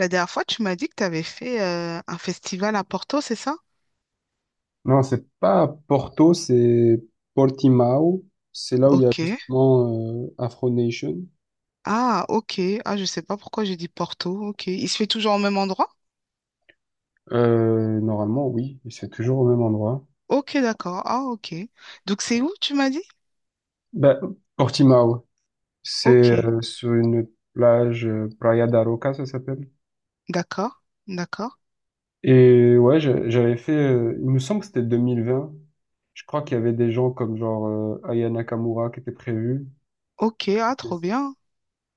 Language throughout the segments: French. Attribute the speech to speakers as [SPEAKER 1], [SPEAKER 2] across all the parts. [SPEAKER 1] La dernière fois, tu m'as dit que tu avais fait un festival à Porto, c'est ça?
[SPEAKER 2] Non, c'est pas Porto, c'est Portimao. C'est là où il y a
[SPEAKER 1] Ok.
[SPEAKER 2] justement Afro Nation.
[SPEAKER 1] Ah, ok. Ah, je sais pas pourquoi j'ai dit Porto. Ok. Il se fait toujours au même endroit?
[SPEAKER 2] Normalement, oui, mais c'est toujours au même endroit.
[SPEAKER 1] Ok, d'accord. Ah, ok. Donc, c'est où, tu m'as dit?
[SPEAKER 2] Ben, Portimao, c'est
[SPEAKER 1] Ok.
[SPEAKER 2] sur une plage, Praia da Roca, ça s'appelle.
[SPEAKER 1] D'accord. D'accord.
[SPEAKER 2] Et ouais, j'avais fait, il me semble que c'était 2020. Je crois qu'il y avait des gens comme genre Aya Nakamura qui était prévu.
[SPEAKER 1] Ok. Ah, trop
[SPEAKER 2] Et-
[SPEAKER 1] bien.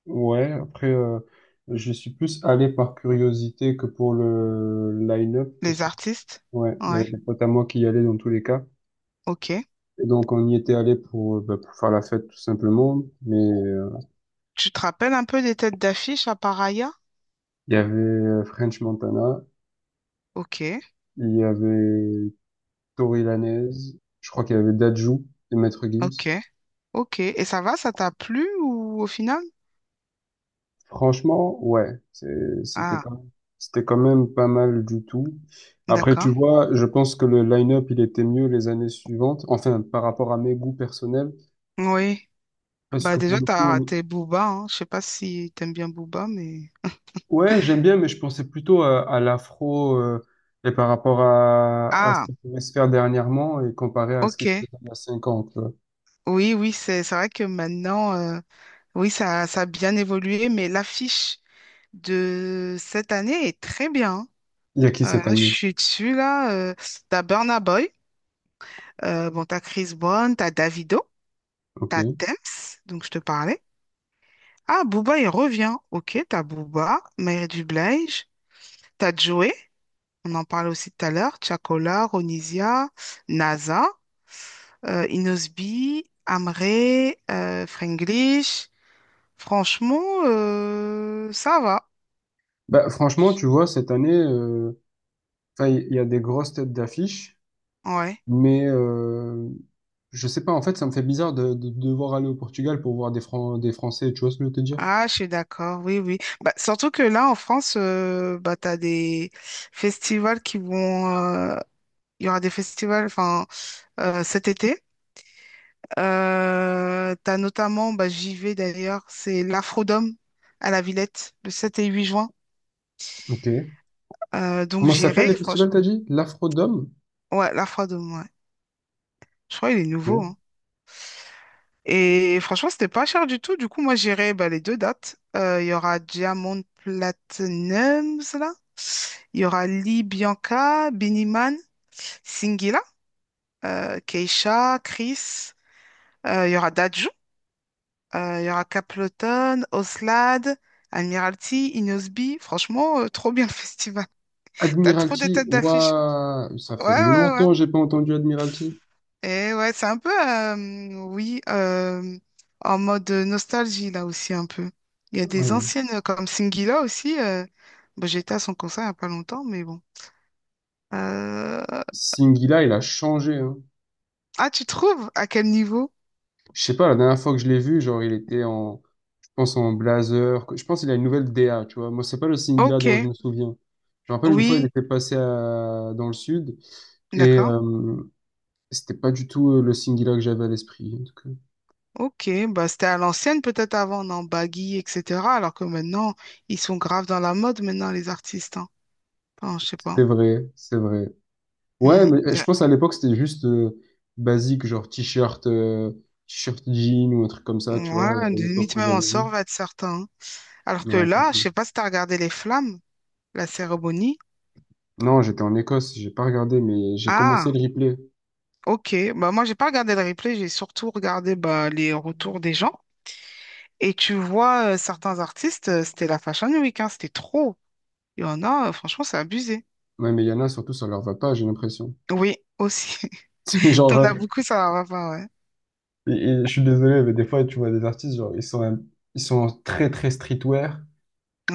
[SPEAKER 2] Ouais, après, je suis plus allé par curiosité que pour le line-up. Parce
[SPEAKER 1] Les artistes?
[SPEAKER 2] Ouais, il y
[SPEAKER 1] Ouais.
[SPEAKER 2] avait des potes à moi qui y allaient dans tous les cas.
[SPEAKER 1] Ok.
[SPEAKER 2] Et donc, on y était allé pour, bah, pour faire la fête, tout simplement. Mais
[SPEAKER 1] Tu te rappelles un peu des têtes d'affiche à Paraya?
[SPEAKER 2] il y avait French Montana,
[SPEAKER 1] Ok.
[SPEAKER 2] il y avait Tory Lanez, je crois qu'il y avait Dadju et Maître
[SPEAKER 1] Ok.
[SPEAKER 2] Gims.
[SPEAKER 1] Ok. Et ça va, ça t'a plu ou au final?
[SPEAKER 2] Franchement, ouais,
[SPEAKER 1] Ah,
[SPEAKER 2] c'était quand même pas mal du tout. Après, tu
[SPEAKER 1] d'accord.
[SPEAKER 2] vois, je pense que le line-up, il était mieux les années suivantes. Enfin, par rapport à mes goûts personnels.
[SPEAKER 1] Oui.
[SPEAKER 2] Parce
[SPEAKER 1] Bah
[SPEAKER 2] que pour
[SPEAKER 1] déjà,
[SPEAKER 2] le
[SPEAKER 1] t'as
[SPEAKER 2] coup.
[SPEAKER 1] raté Booba, hein. Je sais pas si t'aimes bien Booba, mais...
[SPEAKER 2] Ouais, j'aime bien, mais je pensais plutôt à, l'afro et par rapport à, ce
[SPEAKER 1] Ah,
[SPEAKER 2] qui pouvait se faire dernièrement et comparé à ce
[SPEAKER 1] ok.
[SPEAKER 2] qui se faisait il y a 5 ans, tu vois.
[SPEAKER 1] Oui, oui, c'est vrai que maintenant, oui, ça a bien évolué, mais l'affiche de cette année est très bien, hein.
[SPEAKER 2] Il y a qui cette
[SPEAKER 1] Là, je
[SPEAKER 2] année?
[SPEAKER 1] suis dessus, là. T'as Burna Boy, bon, t'as Chris Brown, t'as Davido, t'as
[SPEAKER 2] Ok.
[SPEAKER 1] Tems, donc je te parlais. Ah, Booba, il revient. Ok, t'as Booba, Mary J. Blige, t'as Joey, on en parlait aussi tout à l'heure, Chakola Ronisia, NASA. Inosby, Amré, Fraenglish. Franchement, ça va.
[SPEAKER 2] Bah, franchement, tu vois, cette année, enfin, il y a des grosses têtes d'affiche.
[SPEAKER 1] Ouais.
[SPEAKER 2] Mais je sais pas, en fait, ça me fait bizarre de, devoir aller au Portugal pour voir des des Français, tu vois ce que je veux te dire?
[SPEAKER 1] Ah, je suis d'accord. Oui, oui. Bah, surtout que là, en France, bah, tu as des festivals il y aura des festivals enfin, cet été. Tu as notamment, bah, j'y vais d'ailleurs, c'est l'Afrodome à la Villette, le 7 et 8 juin.
[SPEAKER 2] Ok.
[SPEAKER 1] Donc
[SPEAKER 2] Comment ça s'appelle
[SPEAKER 1] j'irai,
[SPEAKER 2] le festival,
[SPEAKER 1] franchement.
[SPEAKER 2] t'as dit? L'Afrodome?
[SPEAKER 1] Ouais, l'Afrodome, ouais. Je crois qu'il est nouveau,
[SPEAKER 2] Ok.
[SPEAKER 1] hein. Et franchement, c'était pas cher du tout. Du coup, moi, j'irai, bah, les deux dates. Il y aura Diamond Platinums, là. Il y aura Lee Bianca, Biniman, Singila, Keisha, Chris. Il y aura Dadju. Il y aura Capleton, Oslad, Admiralty, Inosby. Franchement, trop bien le festival. T'as trop de
[SPEAKER 2] Admiralty,
[SPEAKER 1] têtes d'affiche.
[SPEAKER 2] ouah, ça
[SPEAKER 1] Ouais,
[SPEAKER 2] fait
[SPEAKER 1] ouais, ouais.
[SPEAKER 2] longtemps que j'ai pas entendu Admiralty.
[SPEAKER 1] Et ouais, c'est un peu, oui, en mode nostalgie là aussi un peu. Il y a des
[SPEAKER 2] Ouais.
[SPEAKER 1] anciennes comme Singila aussi. Bah, j'étais à son concert il n'y a pas longtemps, mais bon. Euh,
[SPEAKER 2] Singila, il a changé, hein.
[SPEAKER 1] Ah, tu trouves? À quel niveau?
[SPEAKER 2] Je sais pas, la dernière fois que je l'ai vu, genre, il était en, je pense, en blazer. Je pense qu'il a une nouvelle DA, tu vois. Moi, c'est pas le Singila
[SPEAKER 1] Ok,
[SPEAKER 2] dont je me souviens. Je me rappelle une fois, il
[SPEAKER 1] oui,
[SPEAKER 2] était passé dans le sud et
[SPEAKER 1] d'accord.
[SPEAKER 2] c'était pas du tout le Singila que j'avais à l'esprit. En tout cas,
[SPEAKER 1] Ok, bah c'était à l'ancienne peut-être avant, en baggy, etc. Alors que maintenant, ils sont graves dans la mode maintenant, les artistes, hein. Enfin, je sais pas.
[SPEAKER 2] c'était vrai, c'est vrai. Ouais,
[SPEAKER 1] Hmm.
[SPEAKER 2] mais eh, je
[SPEAKER 1] Ben,
[SPEAKER 2] pense à l'époque, c'était juste basique, genre t-shirt, t-shirt jean ou un truc comme ça, tu vois,
[SPEAKER 1] ouais,
[SPEAKER 2] à
[SPEAKER 1] limite
[SPEAKER 2] l'époque où
[SPEAKER 1] même en
[SPEAKER 2] j'avais vu.
[SPEAKER 1] sort va être certain, hein. Alors que
[SPEAKER 2] Ouais,
[SPEAKER 1] là, je
[SPEAKER 2] partout.
[SPEAKER 1] sais pas si t'as regardé les flammes. La cérémonie?
[SPEAKER 2] Non, j'étais en Écosse, j'ai pas regardé, mais j'ai commencé
[SPEAKER 1] Ah,
[SPEAKER 2] le replay.
[SPEAKER 1] ok. Bah, moi, j'ai pas regardé le replay, j'ai surtout regardé, bah, les retours des gens. Et tu vois, certains artistes, c'était la Fashion Week, hein, c'était trop. Il y en a, franchement, c'est abusé.
[SPEAKER 2] Ouais, mais il y en a surtout, ça leur va pas, j'ai l'impression.
[SPEAKER 1] Oui, aussi.
[SPEAKER 2] Genre,
[SPEAKER 1] T'en as beaucoup, ça va pas, ouais.
[SPEAKER 2] et- et je suis désolé, mais des fois, tu vois des artistes, genre, ils sont très, très streetwear.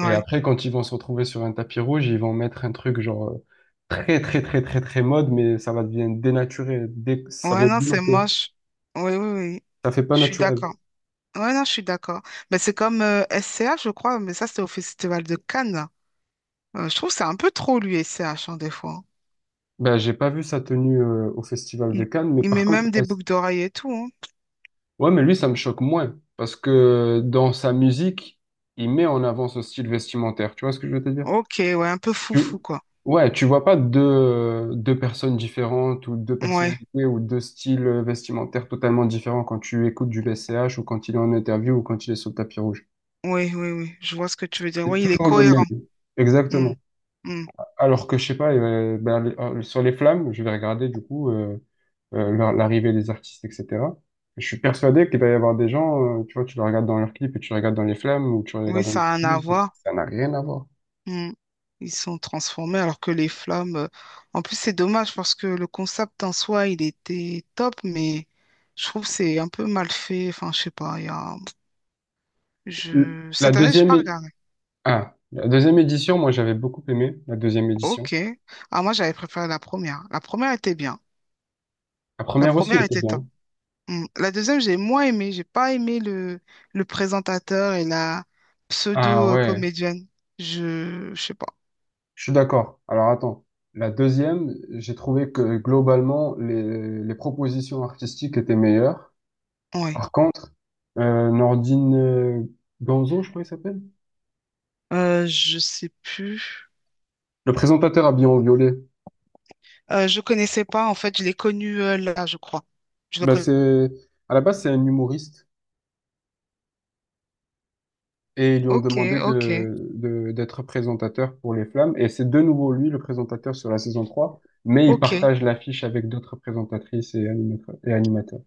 [SPEAKER 2] Et après, quand ils vont se retrouver sur un tapis rouge, ils vont mettre un truc, genre, très, très, très, très, très mode, mais ça va devenir dénaturé. Ça
[SPEAKER 1] Ouais,
[SPEAKER 2] vient
[SPEAKER 1] non, c'est
[SPEAKER 2] dénoté.
[SPEAKER 1] moche. Oui, oui, oui.
[SPEAKER 2] Ça fait pas
[SPEAKER 1] Je suis
[SPEAKER 2] naturel.
[SPEAKER 1] d'accord. Ouais, non, je suis d'accord. Mais c'est comme S C H, je crois, mais ça, c'était au Festival de Cannes. Je trouve que c'est un peu trop, lui, S C H, hein, des fois.
[SPEAKER 2] Ben, j'ai pas vu sa tenue, au Festival de
[SPEAKER 1] Il,
[SPEAKER 2] Cannes, mais
[SPEAKER 1] il
[SPEAKER 2] par
[SPEAKER 1] met
[SPEAKER 2] contre,
[SPEAKER 1] même des boucles d'oreilles et tout, hein.
[SPEAKER 2] ouais, mais lui, ça me choque moins. Parce que dans sa musique, il met en avant ce style vestimentaire. Tu vois ce que je veux te dire?
[SPEAKER 1] Ok, ouais, un peu foufou,
[SPEAKER 2] Tu...
[SPEAKER 1] quoi.
[SPEAKER 2] Ouais, tu vois pas deux personnes différentes ou deux
[SPEAKER 1] Ouais,
[SPEAKER 2] personnalités ou deux styles vestimentaires totalement différents quand tu écoutes du BCH ou quand il est en interview ou quand il est sur le tapis rouge.
[SPEAKER 1] oui, oui, oui, je vois ce que tu veux dire.
[SPEAKER 2] C'est
[SPEAKER 1] Oui, il est
[SPEAKER 2] toujours le même.
[SPEAKER 1] cohérent. Hmm,
[SPEAKER 2] Exactement.
[SPEAKER 1] hmm.
[SPEAKER 2] Alors que je sais pas, ben, sur les flammes, je vais regarder du coup l'arrivée des artistes, etc. Je suis persuadé qu'il va y avoir des gens, tu vois, tu les regardes dans leurs clips et tu les regardes dans les flammes ou tu les
[SPEAKER 1] Oui,
[SPEAKER 2] regardes dans les
[SPEAKER 1] ça a un
[SPEAKER 2] interviews,
[SPEAKER 1] avoir.
[SPEAKER 2] ça n'a rien à voir.
[SPEAKER 1] Hmm. Ils sont transformés, alors que les flammes. En plus, c'est dommage parce que le concept en soi, il était top, mais je trouve que c'est un peu mal fait. Enfin, je sais pas. Il y a...
[SPEAKER 2] L-
[SPEAKER 1] je...
[SPEAKER 2] La
[SPEAKER 1] Cette année, j'ai
[SPEAKER 2] deuxième.
[SPEAKER 1] pas regardé.
[SPEAKER 2] Ah, la deuxième édition, moi j'avais beaucoup aimé la deuxième édition.
[SPEAKER 1] Ok. Ah, moi, j'avais préféré la première. La première était bien.
[SPEAKER 2] La
[SPEAKER 1] La
[SPEAKER 2] première aussi elle
[SPEAKER 1] première
[SPEAKER 2] était
[SPEAKER 1] était top.
[SPEAKER 2] bien.
[SPEAKER 1] Mm. La deuxième, j'ai moins aimé. J'ai pas aimé le présentateur et la
[SPEAKER 2] Ah ouais,
[SPEAKER 1] pseudo-comédienne. Je sais pas.
[SPEAKER 2] je suis d'accord. Alors attends, la deuxième, j'ai trouvé que globalement les, propositions artistiques étaient meilleures.
[SPEAKER 1] Ouais.
[SPEAKER 2] Par contre, Nordine Ganzo, je crois qu'il s'appelle,
[SPEAKER 1] Je sais plus.
[SPEAKER 2] le présentateur habillé en violet,
[SPEAKER 1] Je connaissais pas. En fait, je l'ai connu là, je crois. Je le
[SPEAKER 2] bah
[SPEAKER 1] connais.
[SPEAKER 2] c'est à la base c'est un humoriste. Et ils lui ont
[SPEAKER 1] Ok,
[SPEAKER 2] demandé
[SPEAKER 1] ok,
[SPEAKER 2] d'être présentateur pour les Flammes. Et c'est de nouveau lui, le présentateur sur la saison 3 mais il
[SPEAKER 1] ok,
[SPEAKER 2] partage l'affiche avec d'autres présentatrices et animateurs.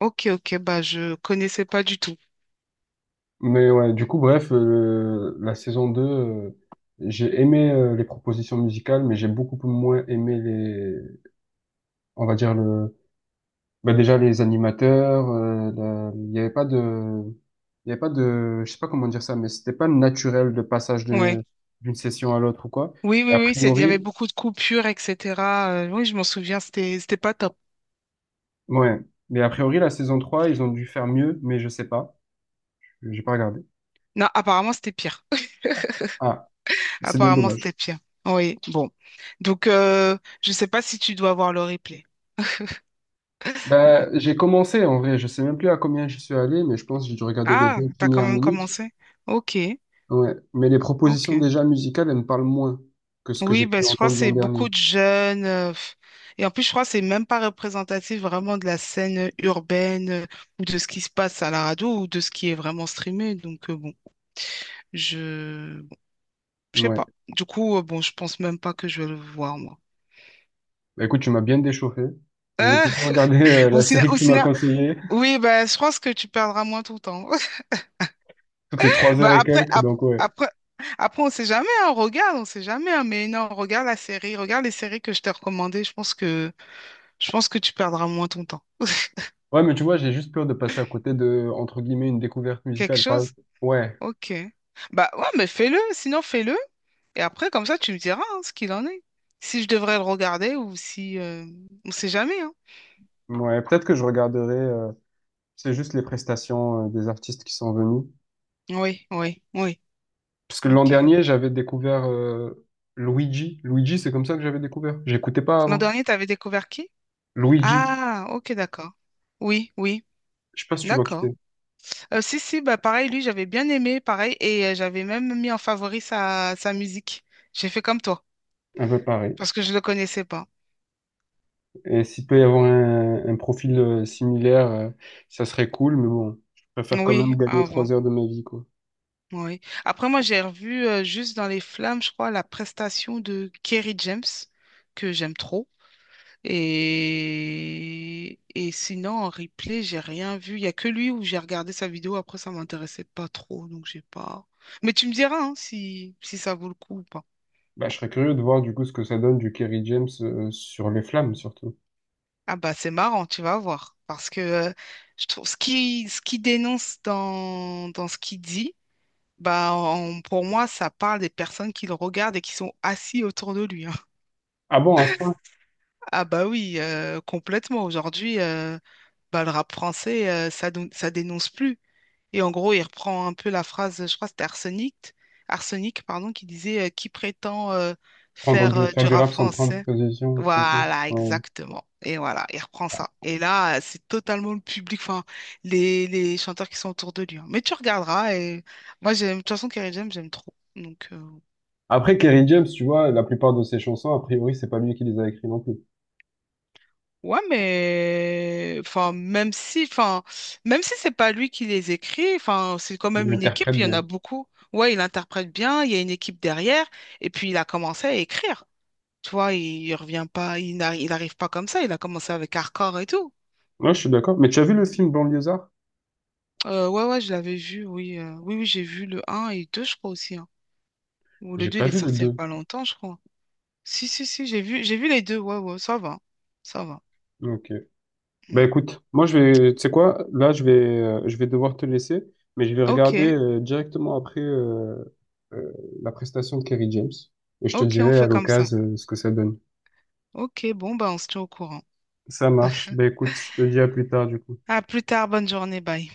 [SPEAKER 1] ok, ok. Bah, je connaissais pas du tout.
[SPEAKER 2] Mais ouais, du coup, bref, la saison 2 j'ai aimé les propositions musicales, mais j'ai beaucoup moins aimé les, on va dire le, bah déjà les animateurs, il y avait pas de, je sais pas comment dire ça, mais c'était pas naturel le passage
[SPEAKER 1] Ouais.
[SPEAKER 2] d'une session à l'autre ou quoi.
[SPEAKER 1] Oui,
[SPEAKER 2] Et
[SPEAKER 1] oui,
[SPEAKER 2] a
[SPEAKER 1] oui. Il y avait
[SPEAKER 2] priori.
[SPEAKER 1] beaucoup de coupures, etc. Oui, je m'en souviens. C'était pas top.
[SPEAKER 2] Ouais. Mais a priori, la saison 3 ils ont dû faire mieux, mais je sais pas. J'ai pas regardé.
[SPEAKER 1] Non, apparemment, c'était pire.
[SPEAKER 2] Ah, c'est bien
[SPEAKER 1] Apparemment, c'était
[SPEAKER 2] dommage.
[SPEAKER 1] pire. Oui, bon. Donc, je ne sais pas si tu dois voir le replay. Bon.
[SPEAKER 2] Bah, j'ai commencé en vrai, je sais même plus à combien je suis allé, mais je pense que j'ai dû regarder les
[SPEAKER 1] Ah,
[SPEAKER 2] 20
[SPEAKER 1] t'as quand
[SPEAKER 2] premières
[SPEAKER 1] même
[SPEAKER 2] minutes.
[SPEAKER 1] commencé? Ok,
[SPEAKER 2] Ouais. Mais les propositions
[SPEAKER 1] ok.
[SPEAKER 2] déjà musicales, elles me parlent moins que ce que j'ai
[SPEAKER 1] Oui, ben,
[SPEAKER 2] pu
[SPEAKER 1] je crois que
[SPEAKER 2] entendre l'an
[SPEAKER 1] c'est beaucoup
[SPEAKER 2] dernier.
[SPEAKER 1] de jeunes. Pff. Et en plus, je crois que c'est même pas représentatif vraiment de la scène urbaine, ou de ce qui se passe à la radio ou de ce qui est vraiment streamé. Donc, bon, je sais
[SPEAKER 2] Ouais.
[SPEAKER 1] pas. Du coup, bon, je pense même pas que je vais le voir, moi.
[SPEAKER 2] Bah, écoute, tu m'as bien déchauffé. Je vais plutôt regarder
[SPEAKER 1] Au
[SPEAKER 2] la
[SPEAKER 1] ciné,
[SPEAKER 2] série que
[SPEAKER 1] au
[SPEAKER 2] tu m'as
[SPEAKER 1] ciné-
[SPEAKER 2] conseillée,
[SPEAKER 1] oui, ben, je pense que tu perdras moins ton temps.
[SPEAKER 2] toutes les trois
[SPEAKER 1] Bah
[SPEAKER 2] heures et
[SPEAKER 1] après,
[SPEAKER 2] quelques, donc ouais.
[SPEAKER 1] après, après, on sait jamais, hein, regarde, on sait jamais, hein, mais non, regarde la série, regarde les séries que je t'ai recommandées, je pense que tu perdras moins ton temps.
[SPEAKER 2] Ouais, mais tu vois, j'ai juste peur de passer à côté de, entre guillemets, une découverte
[SPEAKER 1] Quelque
[SPEAKER 2] musicale. Par
[SPEAKER 1] chose?
[SPEAKER 2] exemple. Ouais,
[SPEAKER 1] Ok. Bah ouais, mais fais-le, sinon fais-le, et après, comme ça, tu me diras, hein, ce qu'il en est. Si je devrais le regarder ou si, on sait jamais, hein.
[SPEAKER 2] ouais, peut-être que je regarderai c'est juste les prestations des artistes qui sont venus.
[SPEAKER 1] Oui, oui, oui,
[SPEAKER 2] Parce que l'an
[SPEAKER 1] ok.
[SPEAKER 2] dernier, j'avais découvert Luigi. Luigi, c'est comme ça que j'avais découvert. J'écoutais pas
[SPEAKER 1] L'an
[SPEAKER 2] avant.
[SPEAKER 1] dernier, t'avais découvert qui?
[SPEAKER 2] Luigi.
[SPEAKER 1] Ah, ok, d'accord. Oui, oui,
[SPEAKER 2] Je sais pas si tu vois qui
[SPEAKER 1] d'accord.
[SPEAKER 2] c'est.
[SPEAKER 1] Si, si, bah pareil, lui, j'avais bien aimé, pareil, et j'avais même mis en favori sa musique. J'ai fait comme toi,
[SPEAKER 2] Un peu pareil.
[SPEAKER 1] parce que je le connaissais pas.
[SPEAKER 2] Et s'il peut y avoir un, profil similaire, ça serait cool, mais bon, je préfère quand
[SPEAKER 1] Oui,
[SPEAKER 2] même gagner
[SPEAKER 1] avant.
[SPEAKER 2] 3 heures de ma vie, quoi.
[SPEAKER 1] Oui. Après, moi, j'ai revu juste dans les flammes, je crois, la prestation de Kerry James, que j'aime trop. Et sinon, en replay, j'ai rien vu. Il n'y a que lui où j'ai regardé sa vidéo. Après, ça m'intéressait pas trop, donc j'ai pas. Mais tu me diras, hein, si ça vaut le coup ou pas.
[SPEAKER 2] Bah, je serais curieux de voir du coup ce que ça donne du Kerry James sur les flammes, surtout.
[SPEAKER 1] Ah bah c'est marrant, tu vas voir. Parce que je trouve ce qui dénonce dans ce qu'il dit, bah pour moi, ça parle des personnes qui le regardent et qui sont assis autour de lui, hein.
[SPEAKER 2] Ah bon, à ce point?
[SPEAKER 1] Ah bah oui, complètement. Aujourd'hui, bah, le rap français, ça, ça dénonce plus. Et en gros, il reprend un peu la phrase, je crois que c'était Arsenic, Arsenic, pardon, qui prétend faire
[SPEAKER 2] Faire
[SPEAKER 1] du
[SPEAKER 2] du
[SPEAKER 1] rap
[SPEAKER 2] rap sans prendre
[SPEAKER 1] français.
[SPEAKER 2] position, un truc comme ça.
[SPEAKER 1] Voilà,
[SPEAKER 2] Ouais.
[SPEAKER 1] exactement. Et voilà, il reprend ça. Et là, c'est totalement le public, enfin, les chanteurs qui sont autour de lui, hein. Mais tu regarderas et moi, j'aime, de toute façon, Kerry James, j'aime trop. Donc,
[SPEAKER 2] Après, Kerry James, tu vois, la plupart de ses chansons, a priori, c'est pas lui qui les a écrites non plus.
[SPEAKER 1] ouais, mais, enfin, même si c'est pas lui qui les écrit, enfin, c'est quand
[SPEAKER 2] Il
[SPEAKER 1] même une équipe,
[SPEAKER 2] interprète
[SPEAKER 1] il y en
[SPEAKER 2] bien.
[SPEAKER 1] a beaucoup. Ouais, il interprète bien, il y a une équipe derrière, et puis il a commencé à écrire. Tu vois, il revient pas, il n'arrive pas comme ça, il a commencé avec Hardcore et tout.
[SPEAKER 2] Ouais, je suis d'accord. Mais tu as vu le film Banlieusard?
[SPEAKER 1] Ouais, ouais, je l'avais vu, oui. Oui, oui, j'ai vu le un et 2 je crois aussi, hein. Ou le
[SPEAKER 2] J'ai
[SPEAKER 1] 2 il
[SPEAKER 2] pas
[SPEAKER 1] est
[SPEAKER 2] vu le
[SPEAKER 1] sorti il n'y a
[SPEAKER 2] deux.
[SPEAKER 1] pas longtemps, je crois. Si, si, si, j'ai vu, les deux. Ouais, ouais, ça va. Ça va.
[SPEAKER 2] Ok. Bah
[SPEAKER 1] Mm.
[SPEAKER 2] écoute, moi je vais, tu sais quoi, là je vais devoir te laisser, mais je vais regarder
[SPEAKER 1] Ok,
[SPEAKER 2] directement après euh, la prestation de Kerry James et je te
[SPEAKER 1] ok, on
[SPEAKER 2] dirai à
[SPEAKER 1] fait comme ça.
[SPEAKER 2] l'occasion ce que ça donne.
[SPEAKER 1] Ok, bon, bah, on se tient au courant.
[SPEAKER 2] Ça marche. Bah écoute, je te dis à plus tard du coup.
[SPEAKER 1] À plus tard, bonne journée, bye.